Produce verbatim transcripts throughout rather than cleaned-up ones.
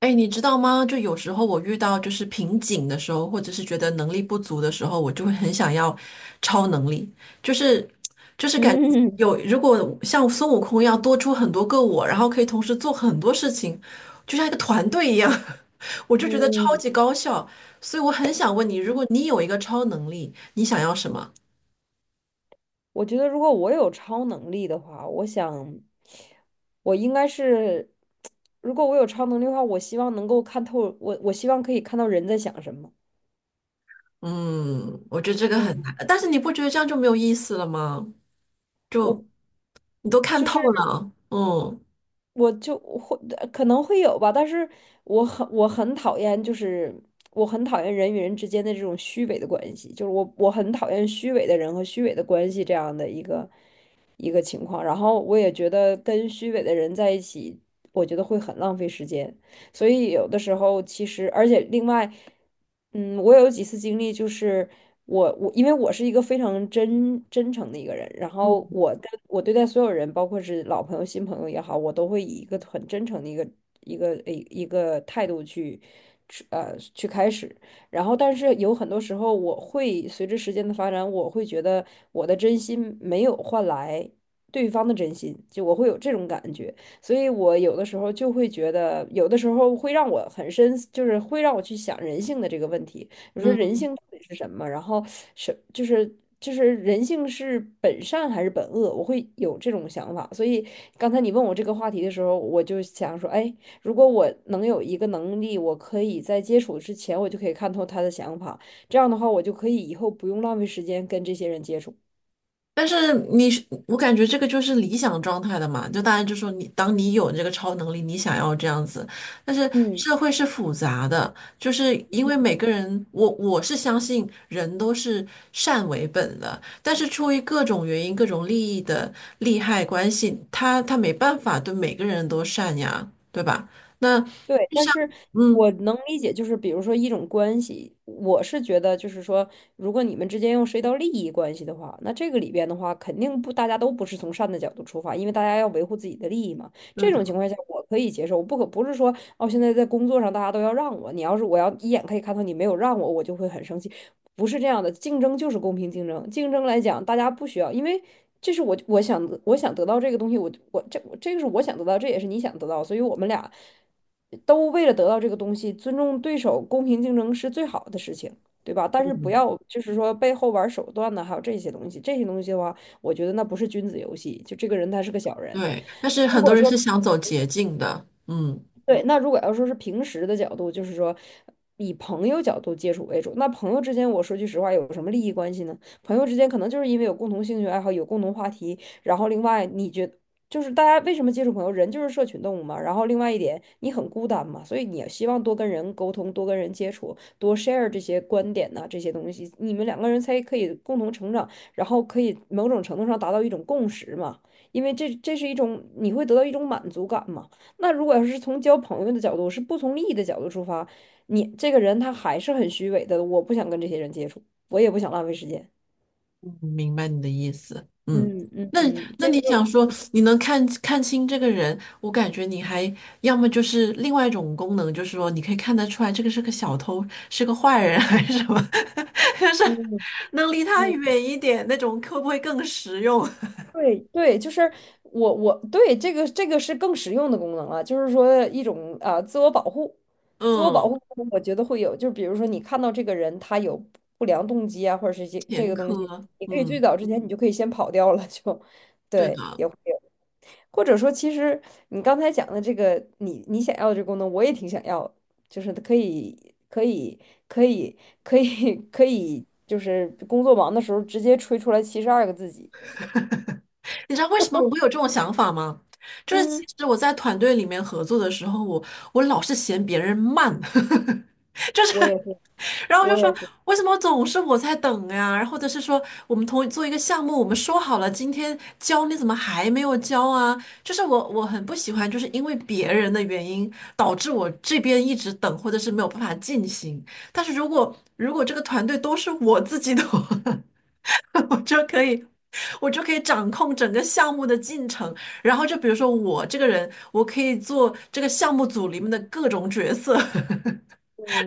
哎，你知道吗？就有时候我遇到就是瓶颈的时候，或者是觉得能力不足的时候，我就会很想要超能力，就是就是感觉嗯有如果像孙悟空一样多出很多个我，然后可以同时做很多事情，就像一个团队一样，我就觉得超嗯，级高效。所以我很想问你，如果你有一个超能力，你想要什么？我觉得如果我有超能力的话，我想我应该是，如果我有超能力的话，我希望能够看透，我我希望可以看到人在想什么。嗯，我觉得这个很嗯，难，但是你不觉得这样就没有意思了吗？我就你都看就透是。了，嗯。我就会呃可能会有吧，但是我很我很讨厌，就是我很讨厌人与人之间的这种虚伪的关系，就是我我很讨厌虚伪的人和虚伪的关系这样的一个一个情况。然后我也觉得跟虚伪的人在一起，我觉得会很浪费时间。所以有的时候其实，而且另外，嗯，我有几次经历，就是我我因为我是一个非常真真诚的一个人，然后我跟我对待所有人，包括是老朋友、新朋友也好，我都会以一个很真诚的一个一个一一个态度去。去呃，去开始，然后但是有很多时候，我会随着时间的发展，我会觉得我的真心没有换来对方的真心，就我会有这种感觉。所以我有的时候就会觉得，有的时候会让我很深，就是会让我去想人性的这个问题。我说人嗯性到底是什么？然后是就是就是人性是本善还是本恶？我会有这种想法。所以刚才你问我这个话题的时候，我就想说，哎，如果我能有一个能力，我可以在接触之前，我就可以看透他的想法，这样的话，我就可以以后不用浪费时间跟这些人接触。但是你是，我感觉这个就是理想状态的嘛，就大家就说你，当你有这个超能力，你想要这样子，但是嗯。社会是复杂的，就是因为每个人，我我是相信人都是善为本的，但是出于各种原因、各种利益的利害关系，他他没办法对每个人都善呀，对吧？那对，就但像，是嗯，我能理解，就是比如说一种关系，我是觉得就是说，如果你们之间又涉及到利益关系的话，那这个里边的话，肯定不，大家都不是从善的角度出发，因为大家要维护自己的利益嘛。对这的，种情况下，我可以接受。我不可，不是说哦，现在在工作上大家都要让我，你要是我要一眼可以看到你没有让我，我就会很生气。不是这样的，竞争就是公平竞争。竞争来讲，大家不需要，因为这是我，我想我想得到这个东西，我我这这个是我想得到，这也是你想得到，所以我们俩都为了得到这个东西，尊重对手，公平竞争是最好的事情，对吧？但是不嗯，要就是说背后玩手段呢，还有这些东西，这些东西的话，我觉得那不是君子游戏，就这个人他是个小人。对，但是如很多果人是说，想走捷径的，嗯。对，那如果要说是平时的角度，就是说以朋友角度接触为主，那朋友之间，我说句实话，有什么利益关系呢？朋友之间可能就是因为有共同兴趣爱好，有共同话题，然后另外你觉，就是大家为什么接触朋友？人就是社群动物嘛。然后另外一点，你很孤单嘛，所以你也希望多跟人沟通，多跟人接触，多 share 这些观点呐、这些东西，你们两个人才可以共同成长，然后可以某种程度上达到一种共识嘛。因为这这是一种你会得到一种满足感嘛。那如果要是从交朋友的角度，是不从利益的角度出发，你这个人他还是很虚伪的，我不想跟这些人接触，我也不想浪费时间。嗯明白你的意思，嗯，嗯嗯那嗯，嗯，那这你想个，说你能看看清这个人，我感觉你还要么就是另外一种功能，就是说你可以看得出来这个是个小偷，是个坏人还是什么，就是能离他远一点那种，会不会更实用？对对，就是我我对这个这个是更实用的功能了，就是说一种啊、呃自我保护，自我保嗯，护功能我觉得会有，就比如说你看到这个人他有不良动机啊，或者是这这前个东西，科，你可以最嗯，早之前你就可以先跑掉了，就，对对，的。也会有，或者说其实你刚才讲的这个，你你想要的这个功能，我也挺想要的，就是可以可以可以可以可以，就是工作忙的时候直接吹出来七十二个自己。你知道为什么我会有这种想法吗？就是其嗯。实我在团队里面合作的时候，我我老是嫌别人慢。就是，我也是，然后就我也说是，为什么总是我在等呀？然后或者是说我们同做一个项目，我们说好了今天交，你怎么还没有交啊？就是我我很不喜欢，就是因为别人的原因导致我这边一直等，或者是没有办法进行。但是如果如果这个团队都是我自己的话，我就可以。我就可以掌控整个项目的进程，然后就比如说我这个人，我可以做这个项目组里面的各种角色。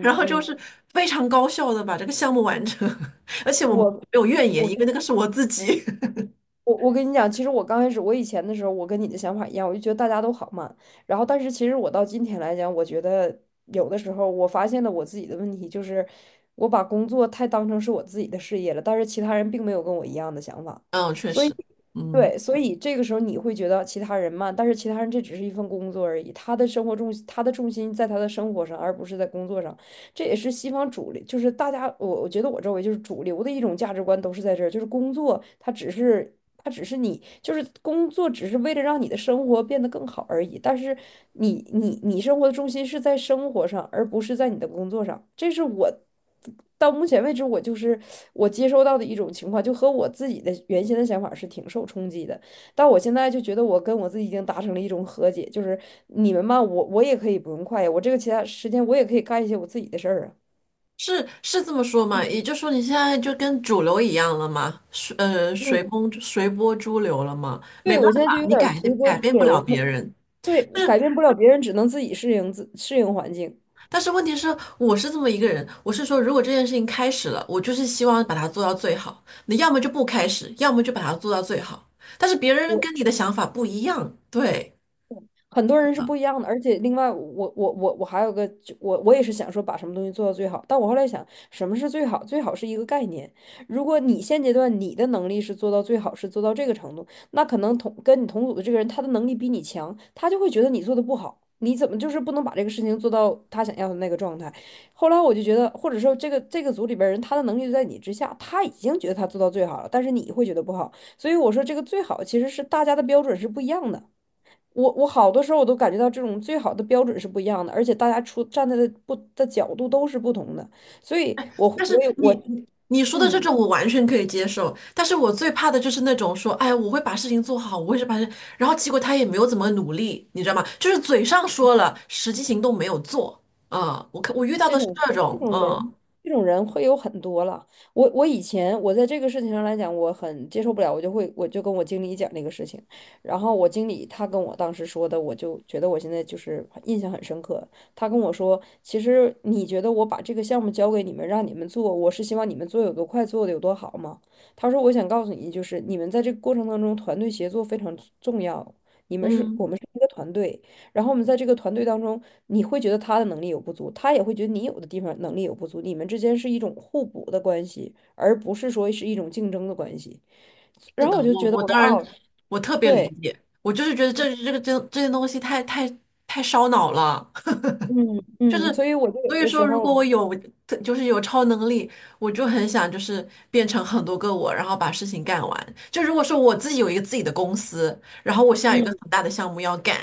然后就嗯，是非常高效的把这个项目完成，而且我没我有怨言，我因为跟那个是我自己。我我跟你讲，其实我刚开始，我以前的时候，我跟你的想法一样，我就觉得大家都好慢。然后，但是其实我到今天来讲，我觉得有的时候我发现了我自己的问题，就是我把工作太当成是我自己的事业了，但是其他人并没有跟我一样的想法，嗯，确所以。实，嗯，对，所以这个时候你会觉得其他人慢，但是其他人这只是一份工作而已，他的生活重，他的重心在他的生活上，而不是在工作上。这也是西方主流，就是大家，我我觉得我周围就是主流的一种价值观都是在这儿，就是工作它只是，它只是你，就是工作只是为了让你的生活变得更好而已，但是你你你生活的重心是在生活上，而不是在你的工作上，这是我。到目前为止，我就是我接收到的一种情况，就和我自己的原先的想法是挺受冲击的。但我现在就觉得我跟我自己已经达成了一种和解，就是你们嘛，我，我也可以不用快呀，我这个其他时间我也可以干一些我自己的事儿啊。是是这么说嘛？嗯，也就是说，你现在就跟主流一样了嘛，随呃嗯，随风随波逐流了嘛，没对，办我现在就法，有你点儿改随波改逐变不流，了没，别人。对，我但是改变不了别人，只能自己适应，自适应环境。但是问题是，我是这么一个人，我是说，如果这件事情开始了，我就是希望把它做到最好。你要么就不开始，要么就把它做到最好。但是别人我。跟你的想法不一样，对。很多人是不一样的，而且另外我我我我还有个，就我我也是想说把什么东西做到最好，但我后来想什么是最好？最好是一个概念。如果你现阶段你的能力是做到最好，是做到这个程度，那可能同跟你同组的这个人他的能力比你强，他就会觉得你做的不好，你怎么就是不能把这个事情做到他想要的那个状态？后来我就觉得，或者说这个这个组里边人他的能力就在你之下，他已经觉得他做到最好了，但是你会觉得不好，所以我说这个最好其实是大家的标准是不一样的。我，我好多时候我都感觉到这种最好的标准是不一样的，而且大家出站在的不的角度都是不同的，所以哎，我但是我也我你你你说的这嗯。种我完全可以接受，但是我最怕的就是那种说，哎，我会把事情做好，我会是把这，然后结果他也没有怎么努力，你知道吗？就是嘴上说了，实际行动没有做。嗯，我看我遇到这的是种这这种，种嗯人，这种人会有很多了。我我以前我在这个事情上来讲，我很接受不了，我就会我就跟我经理讲这个事情，然后我经理他跟我当时说的，我就觉得我现在就是印象很深刻。他跟我说，其实你觉得我把这个项目交给你们，让你们做，我是希望你们做有多快，做的有多好吗？他说，我想告诉你，就是你们在这个过程当中，团队协作非常重要。你们是嗯，我们是一个团队，然后我们在这个团队当中，你会觉得他的能力有不足，他也会觉得你有的地方能力有不足，你们之间是一种互补的关系，而不是说是一种竞争的关系。是然后的，我就我觉得我我说当然哦，我特别理对，解，我就是觉得嗯这这个这这些东西太太太烧脑了。嗯就嗯，是，所以我就有所以的说，时如果我候，有，特就是有超能力，我就很想就是变成很多个我，然后把事情干完。就如果说我自己有一个自己的公司，然后我现在有一个嗯，很大的项目要干，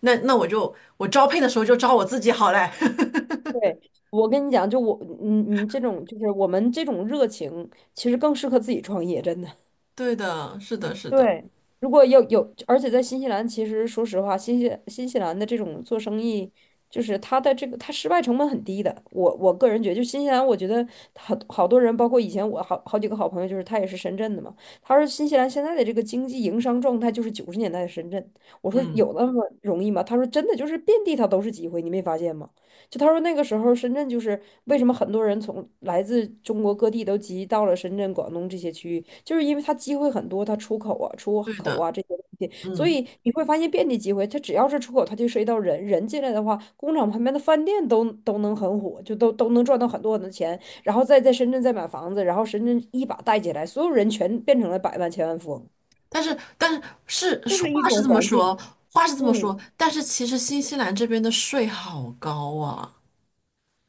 那那我就我招聘的时候就招我自己好嘞。对，我跟你讲，就我你你这种就是我们这种热情，其实更适合自己创业，真的。对的，是的，是的，对，如果要有，而且在新西兰，其实说实话，新西新西兰的这种做生意，就是它的这个它失败成本很低的。我我个人觉得，就新西兰，我觉得好好多人，包括以前我好好几个好朋友，就是他也是深圳的嘛。他说新西兰现在的这个经济营商状态就是九十年代的深圳。我说嗯，有那么容易吗？他说真的就是遍地他都是机会，你没发现吗？就他说那个时候深圳就是为什么很多人从来自中国各地都集到了深圳、广东这些区域，就是因为它机会很多，它出口啊、出对口的，啊这些东西，所嗯，以你会发现遍地机会。它只要是出口，它就涉及到人，人进来的话，工厂旁边的饭店都都能很火，就都都能赚到很多很多钱，然后再在深圳再买房子，然后深圳一把带起来，所有人全变成了百万千万富翁，但是但是是就是是一话是种这么环境。说，话是这么嗯，说，但是其实新西兰这边的税好高啊。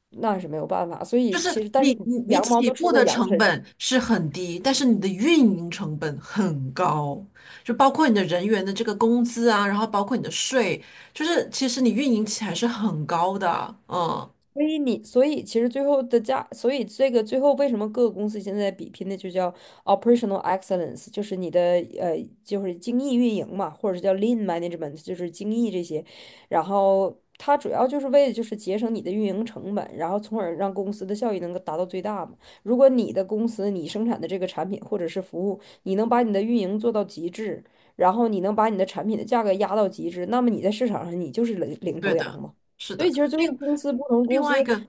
那是没有办法，所就以是其实但是你你你羊毛起都出步在的羊成身上。本是很低，但是你的运营成本很高，就包括你的人员的这个工资啊，然后包括你的税，就是其实你运营起来是很高的，嗯，所以你，所以其实最后的价，所以这个最后为什么各个公司现在比拼的就叫 operational excellence，就是你的呃，就是精益运营嘛，或者是叫 lean management，就是精益这些。然后它主要就是为了就是节省你的运营成本，然后从而让公司的效益能够达到最大嘛。如果你的公司你生产的这个产品或者是服务，你能把你的运营做到极致，然后你能把你的产品的价格压到极致，那么你在市场上你就是领领对头羊的，嘛。是所以的，其实最后另公司不同公另外一司，个，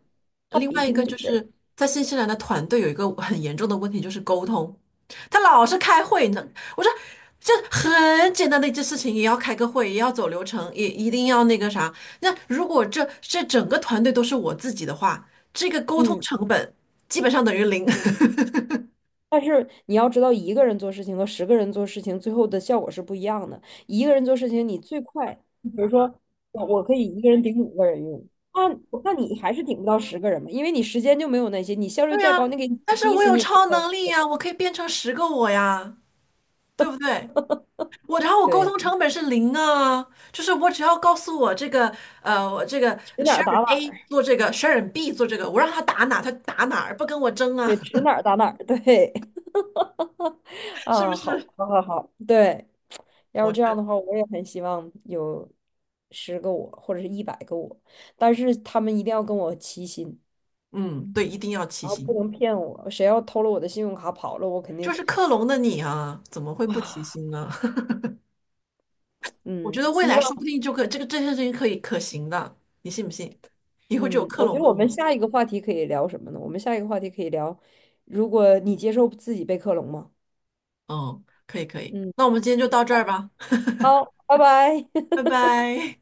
他另比外一拼的个就就是这个。是在新西兰的团队有一个很严重的问题，就是沟通。他老是开会呢，我说这很简单的一件事情，也要开个会，也要走流程，也一定要那个啥。那如果这这整个团队都是我自己的话，这个沟通嗯，成本基本上等于零。但是你要知道，一个人做事情和十个人做事情，最后的效果是不一样的。一个人做事情，你最快，比如说我我可以一个人顶五个人用，那那你还是顶不到十个人嘛，因为你时间就没有那些，你效率对再呀，高，那个但是逼我死有你也做超不到。能力呀，我可以变成十个我呀，对不对？我然后我沟对，通成本是零啊，就是我只要告诉我这个呃，我这个 指哪儿打哪 Sharon A 儿，做这个，Sharon B 做这个，我让他打哪他打哪儿，不跟我争对，啊，指哪儿打哪儿，对，是不啊，好，是？好，好，好，对。要我是觉这样得，的话，我也很希望有十个我或者是一百个我，但是他们一定要跟我齐心，嗯，对，一定要齐然后不心。能骗我。谁要偷了我的信用卡跑了，我肯就定是克隆的你啊，怎么会不齐啊，心呢？我觉嗯，得未希来望，说不定就可这个这件事情可以可行的，你信不信？以后就有嗯，克我觉隆得的我我们们。下一个话题可以聊什么呢？我们下一个话题可以聊，如果你接受自己被克隆吗？嗯，可以可以，嗯，那我们今天就到这儿吧，好，拜拜。拜拜。